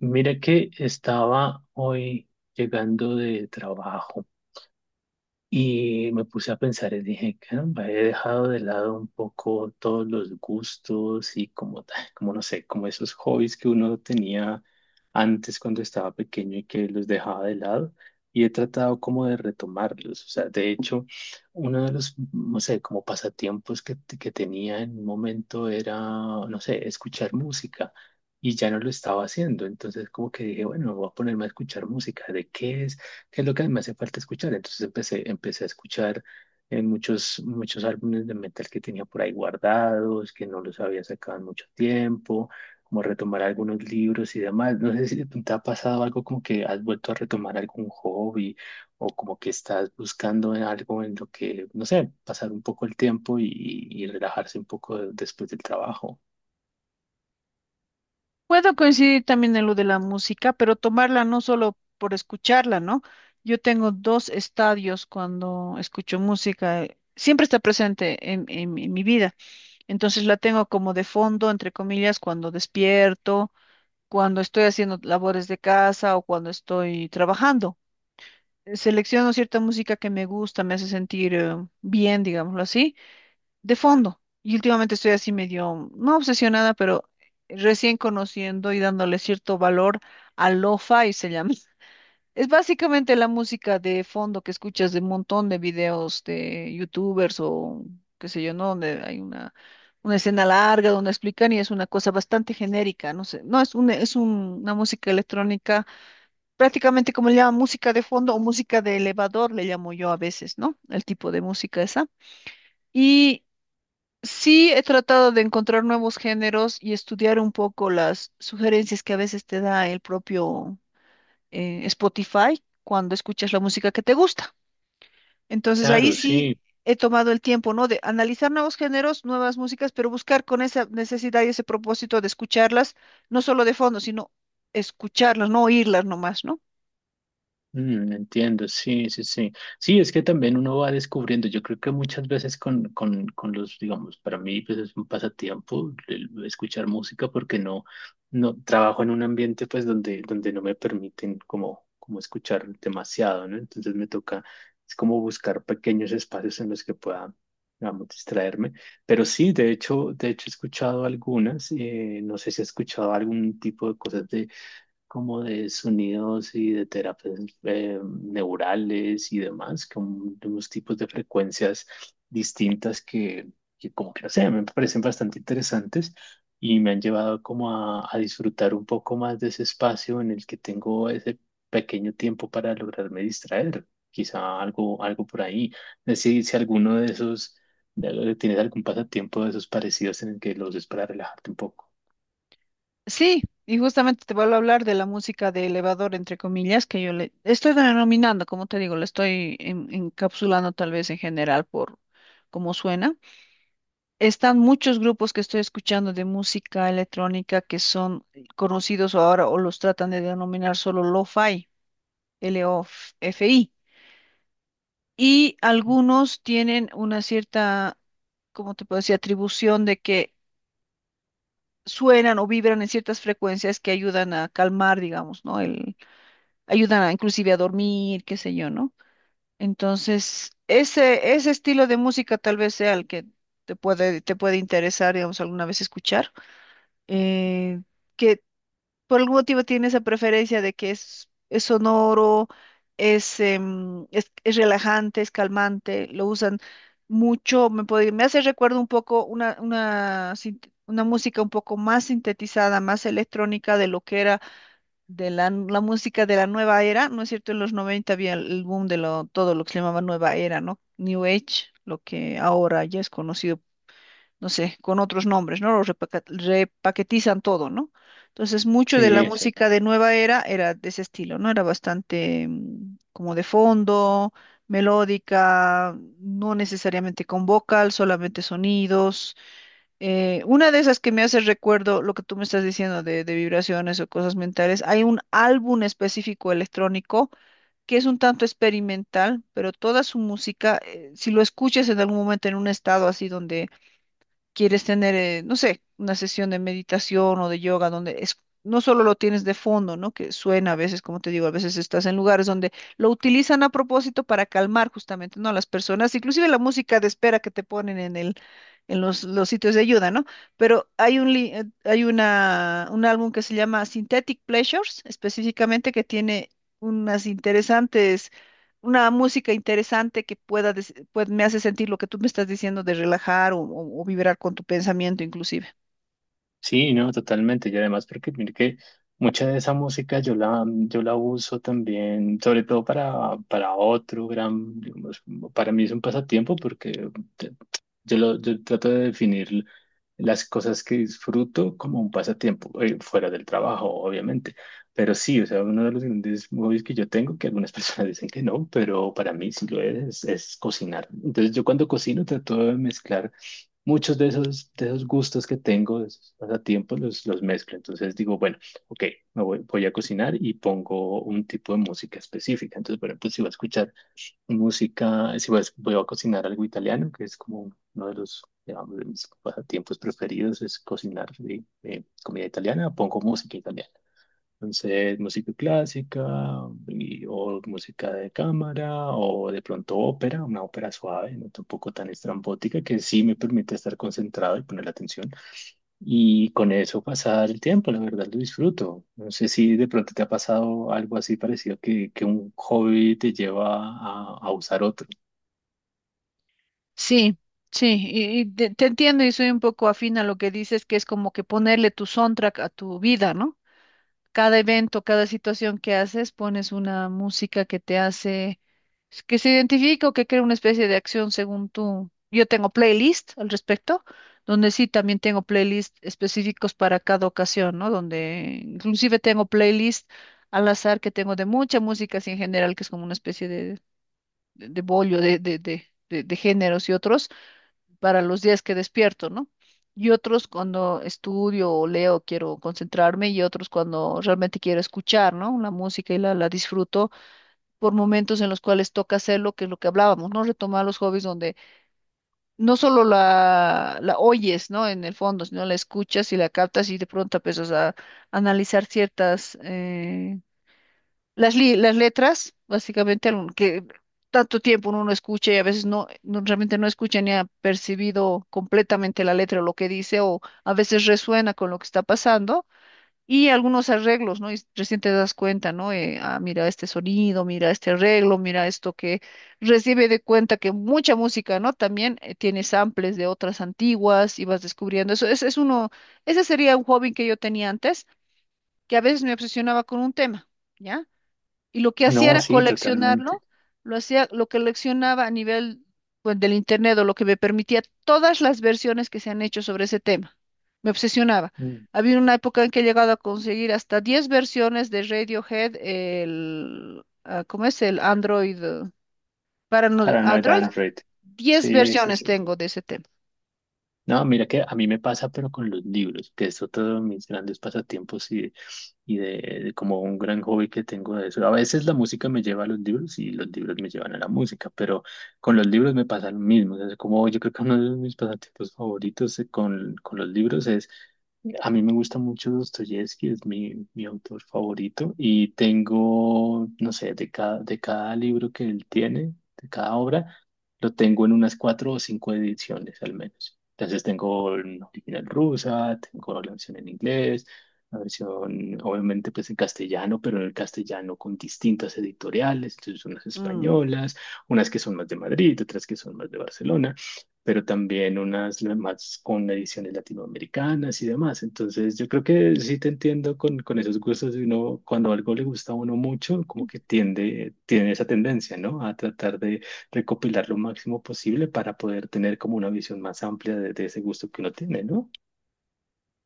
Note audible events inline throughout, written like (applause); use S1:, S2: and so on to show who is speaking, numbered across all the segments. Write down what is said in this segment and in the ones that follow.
S1: Mira que estaba hoy llegando de trabajo y me puse a pensar y dije, caramba, he dejado de lado un poco todos los gustos y como, como no sé, como esos hobbies que uno tenía antes cuando estaba pequeño y que los dejaba de lado. Y he tratado como de retomarlos. O sea, de hecho, uno de los, no sé, como pasatiempos que, que tenía en un momento era, no sé, escuchar música. Y ya no lo estaba haciendo. Entonces como que dije, bueno, voy a ponerme a escuchar música. ¿De qué es? Que es lo que me hace falta escuchar. Entonces empecé a escuchar en muchos álbumes de metal que tenía por ahí guardados, que no los había sacado en mucho tiempo, como retomar algunos libros y demás. No sé si te ha pasado algo como que has vuelto a retomar algún hobby o como que estás buscando en algo en lo que, no sé, pasar un poco el tiempo y relajarse un poco después del trabajo.
S2: Puedo coincidir también en lo de la música, pero tomarla no solo por escucharla, ¿no? Yo tengo dos estadios cuando escucho música, siempre está presente en mi vida, entonces la tengo como de fondo, entre comillas, cuando despierto, cuando estoy haciendo labores de casa o cuando estoy trabajando. Selecciono cierta música que me gusta, me hace sentir bien, digámoslo así de fondo. Y últimamente estoy así medio, no obsesionada, pero recién conociendo y dándole cierto valor a lo-fi, se llama. (laughs) Es básicamente la música de fondo que escuchas de un montón de videos de youtubers o qué sé yo, ¿no? Donde hay una escena larga donde explican y es una cosa bastante genérica, no sé, no es un, es un- una música electrónica, prácticamente como le llaman música de fondo o música de elevador, le llamo yo a veces, ¿no? El tipo de música esa. Y Sí, he tratado de encontrar nuevos géneros y estudiar un poco las sugerencias que a veces te da el propio Spotify cuando escuchas la música que te gusta. Entonces ahí
S1: Claro,
S2: sí
S1: sí.
S2: he tomado el tiempo, ¿no? De analizar nuevos géneros, nuevas músicas, pero buscar con esa necesidad y ese propósito de escucharlas, no solo de fondo, sino escucharlas, no oírlas nomás, ¿no?
S1: Mm, entiendo, sí, sí, sí. Sí, es que también uno va descubriendo, yo creo que muchas veces con los, digamos, para mí pues es un pasatiempo el escuchar música porque no, no trabajo en un ambiente pues donde, donde no me permiten como, como escuchar demasiado, ¿no? Entonces me toca, es como buscar pequeños espacios en los que pueda, digamos, distraerme. Pero sí, de hecho he escuchado algunas, no sé si he escuchado algún tipo de cosas como de sonidos y de terapias neurales y demás, como de unos tipos de frecuencias distintas que como que no sé, me parecen bastante interesantes y me han llevado como a disfrutar un poco más de ese espacio en el que tengo ese pequeño tiempo para lograrme distraer, quizá algo, algo por ahí. No sé Si, si alguno de esos, tienes algún pasatiempo de esos parecidos en el que los uses para relajarte un poco.
S2: Sí, y justamente te vuelvo a hablar de la música de elevador, entre comillas, que yo le estoy denominando, como te digo, encapsulando tal vez en general por cómo suena. Están muchos grupos que estoy escuchando de música electrónica que son conocidos ahora o los tratan de denominar solo lo-fi, LOFI, y algunos tienen una cierta, como te puedo decir, atribución de que suenan o vibran en ciertas frecuencias que ayudan a calmar, digamos, ¿no? Inclusive a dormir, qué sé yo, ¿no? Entonces, ese estilo de música tal vez sea el que te puede interesar, digamos, alguna vez escuchar. Eh, que Por algún motivo tiene esa preferencia de que es sonoro, es, es relajante, es calmante, lo usan mucho, me hace recuerdo un poco una música un poco más sintetizada, más electrónica de lo que era de la música de la nueva era, ¿no es cierto? En los 90 había el boom de lo, todo lo que se llamaba nueva era, ¿no? New Age, lo que ahora ya es conocido, no sé, con otros nombres, ¿no? Repaquetizan todo, ¿no? Entonces, mucho de la, claro,
S1: Sí, sí.
S2: música de nueva era era de ese estilo, ¿no? Era bastante como de fondo, melódica, no necesariamente con vocal, solamente sonidos una de esas que me hace recuerdo lo que tú me estás diciendo de vibraciones o cosas mentales. Hay un álbum específico electrónico que es un tanto experimental, pero toda su música, si lo escuchas en algún momento en un estado así donde quieres tener, no sé, una sesión de meditación o de yoga donde es, no solo lo tienes de fondo, ¿no? Que suena a veces, como te digo, a veces estás en lugares donde lo utilizan a propósito para calmar justamente, ¿no? A las personas, inclusive la música de espera que te ponen en los sitios de ayuda, ¿no? Pero hay una, un álbum que se llama Synthetic Pleasures, específicamente que tiene unas interesantes una música interesante que pueda, me hace sentir lo que tú me estás diciendo de relajar o, o vibrar con tu pensamiento inclusive.
S1: Sí, no, totalmente. Y además porque mire que mucha de esa música yo la, yo la uso también, sobre todo para otro gran, digamos, para mí es un pasatiempo porque te- yo, lo, yo trato de definir las cosas que disfruto como un pasatiempo, fuera del trabajo, obviamente. Pero sí, o sea, uno de los grandes hobbies que yo tengo, que algunas (laughs) personas dicen que no, pero para mí sí lo es cocinar. Entonces yo cuando cocino trato de mezclar muchos de esos gustos que tengo, de esos pasatiempos, los mezclo. Entonces digo, bueno, ok, me voy, voy a cocinar y pongo un tipo de música específica. Entonces, por ejemplo, si voy a escuchar música, si voy a, voy a cocinar algo italiano, que es como uno de los, digamos, de mis pasatiempos preferidos, es cocinar comida italiana, pongo música italiana. Entonces, música clásica o música de cámara o de pronto ópera, una ópera suave, no tampoco tan estrambótica, que sí me permite estar concentrado y poner la atención. Y con eso pasar el tiempo, la verdad lo disfruto. No sé si de pronto te ha pasado algo así parecido que un hobby te lleva a usar otro.
S2: Sí, sí, y te entiendo y soy un poco afín a lo que dices, que es como que ponerle tu soundtrack a tu vida, ¿no? Cada evento, cada situación que haces, pones una música que te hace, que se identifica o que crea una especie de acción según tú. Yo tengo playlist al respecto, donde sí también tengo playlist específicos para cada ocasión, ¿no? Donde inclusive tengo playlist al azar que tengo de mucha música así en general, que es como una especie de, de bollo de géneros y otros para los días que despierto, ¿no? Y otros cuando estudio o leo quiero concentrarme y otros cuando realmente quiero escuchar, ¿no? La música y la disfruto por momentos en los cuales toca hacerlo, que es lo que hablábamos, ¿no? Retomar los hobbies donde no solo la oyes, ¿no? En el fondo, sino la escuchas y la captas y de pronto empiezas a analizar ciertas las letras, básicamente, que tanto tiempo uno no escucha y a veces realmente no escucha ni ha percibido completamente la letra o lo que dice, o a veces resuena con lo que está pasando, y algunos arreglos, ¿no? Y recién te das cuenta, ¿no? Ah, mira este sonido, mira este arreglo, mira esto que recibe de cuenta que mucha música, ¿no? También tiene samples de otras antiguas y vas descubriendo eso. Ese es uno, ese sería un hobby que yo tenía antes, que a veces me obsesionaba con un tema. ¿Ya? Y lo que hacía
S1: No,
S2: era
S1: sí, totalmente.
S2: coleccionarlo, lo hacía, lo coleccionaba a nivel pues, del internet o lo que me permitía todas las versiones que se han hecho sobre ese tema. Me obsesionaba.
S1: Mm.
S2: Había una época en que he llegado a conseguir hasta 10 versiones de Radiohead, ah, ¿cómo es? El Android, para no-
S1: Paranoid
S2: Android,
S1: Android.
S2: Diez
S1: Sí, sí,
S2: versiones
S1: sí.
S2: tengo de ese tema.
S1: No, mira que a mí me pasa, pero con los libros, que es otro de mis grandes pasatiempos y de como un gran hobby que tengo de eso. A veces la música me lleva a los libros y los libros me llevan a la música, pero con los libros me pasa lo mismo. O sea, es como yo creo que uno de mis pasatiempos favoritos con los libros es, a mí me gusta mucho Dostoyevsky, es mi, mi autor favorito y tengo, no sé, de cada libro que él tiene, de cada obra, lo tengo en unas cuatro o cinco ediciones al menos. Entonces tengo una original rusa, tengo la versión en inglés, la versión obviamente pues en castellano, pero en el castellano con distintas editoriales, entonces unas
S2: Mm.
S1: españolas, unas que son más de Madrid, otras que son más de Barcelona, pero también unas más con ediciones latinoamericanas y demás. Entonces yo creo que sí te entiendo con esos gustos de uno, cuando algo le gusta a uno mucho, como que tiende, tiene esa tendencia, ¿no? A tratar recopilar lo máximo posible para poder tener como una visión más amplia de ese gusto que uno tiene, ¿no?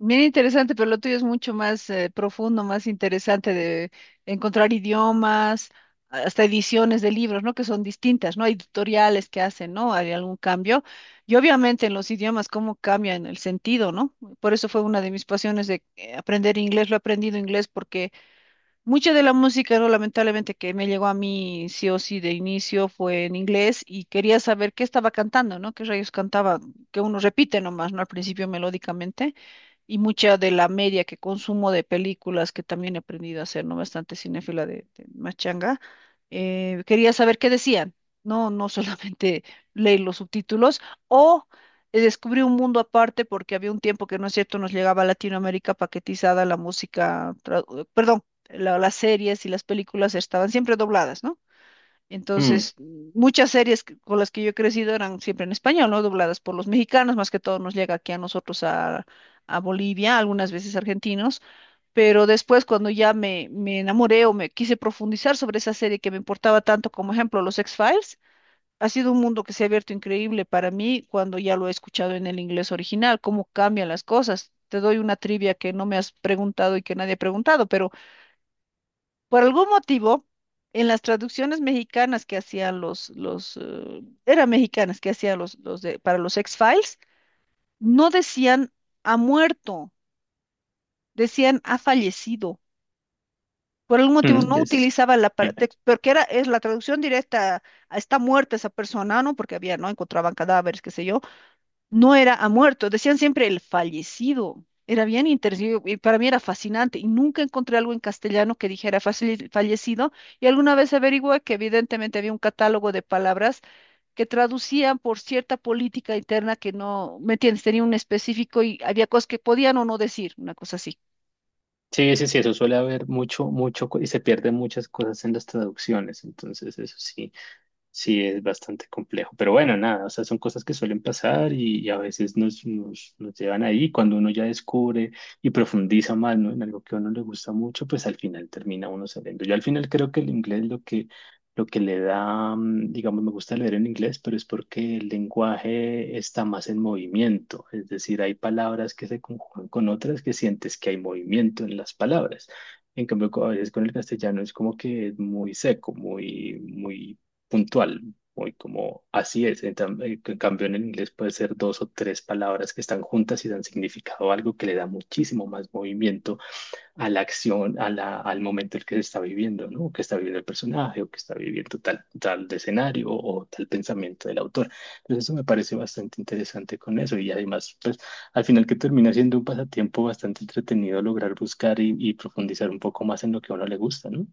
S2: Bien interesante, pero lo tuyo es mucho más profundo, más interesante de encontrar idiomas, hasta ediciones de libros, ¿no? Que son distintas, ¿no? Hay editoriales que hacen, ¿no? Hay algún cambio. Y obviamente en los idiomas, cómo cambian el sentido, ¿no? Por eso fue una de mis pasiones de aprender inglés. Lo he aprendido inglés porque mucha de la música, ¿no? Lamentablemente que me llegó a mí sí o sí de inicio fue en inglés y quería saber qué estaba cantando, ¿no? Qué rayos cantaba, que uno repite nomás, ¿no? Al principio melódicamente y mucha de la media que consumo de películas que también he aprendido a hacer, ¿no? Bastante cinéfila de machanga. Quería saber qué decían, no, no (laughs) solamente leer los subtítulos o descubrí un mundo aparte porque había un tiempo que, no es cierto, nos llegaba a Latinoamérica paquetizada la música, perdón, las series y las películas estaban siempre dobladas, ¿no?
S1: Mm,
S2: Entonces, muchas series con las que yo he crecido eran siempre en español, ¿no? Dobladas por los mexicanos, más que todo nos llega aquí a nosotros a Bolivia, algunas veces argentinos, pero después cuando ya me enamoré o me quise profundizar sobre esa serie que me importaba tanto, como ejemplo los X-Files, ha sido un mundo que se ha abierto increíble para mí cuando ya lo he escuchado en el inglés original, cómo cambian las cosas. Te doy una trivia que no me has preguntado y que nadie ha preguntado, pero por algún motivo, en las traducciones mexicanas que hacían los eran mexicanas que hacían los de, para los X-Files, no decían ha muerto, decían ha fallecido. Por algún
S1: mm,
S2: motivo no
S1: yes.
S2: utilizaba la
S1: Eh,
S2: porque era, es la traducción directa, a está muerta esa persona, ¿no? Porque había, ¿no? Encontraban cadáveres, qué sé yo, no era ha muerto, decían siempre el fallecido. Era bien interesante, y para mí era fascinante, y nunca encontré algo en castellano que dijera fallecido, y alguna vez averigüé que evidentemente había un catálogo de palabras que traducían por cierta política interna que no, ¿me entiendes? Tenía un específico y había cosas que podían o no decir, una cosa así.
S1: Sí, sí, sí, eso suele haber mucho, mucho, y se pierden muchas cosas en las traducciones, entonces eso sí. Sí, es bastante complejo, pero bueno, nada, o sea, son cosas que suelen pasar y a veces nos, nos llevan ahí. Cuando uno ya descubre y profundiza más, ¿no? en algo que a uno le gusta mucho, pues al final termina uno sabiendo. Yo al final creo que el inglés lo que le da, mm, digamos, me gusta leer en inglés, pero es porque el lenguaje está más en movimiento, es decir, hay palabras que se conjugan con otras que sientes que hay movimiento en las palabras. En cambio, a veces con el castellano es como que es muy seco, muy puntual, muy como así es. En cambio, en el inglés puede ser dos o tres palabras que están juntas y dan significado a algo que le da muchísimo más movimiento a la acción, a la, al momento en que se está viviendo, ¿no? Que está viviendo el personaje o que está viviendo tal, tal de escenario o tal pensamiento del autor. Entonces, eso me parece bastante interesante con eso y además, pues, al final que termina siendo un pasatiempo bastante entretenido lograr buscar y profundizar un poco más en lo que a uno le gusta, ¿no?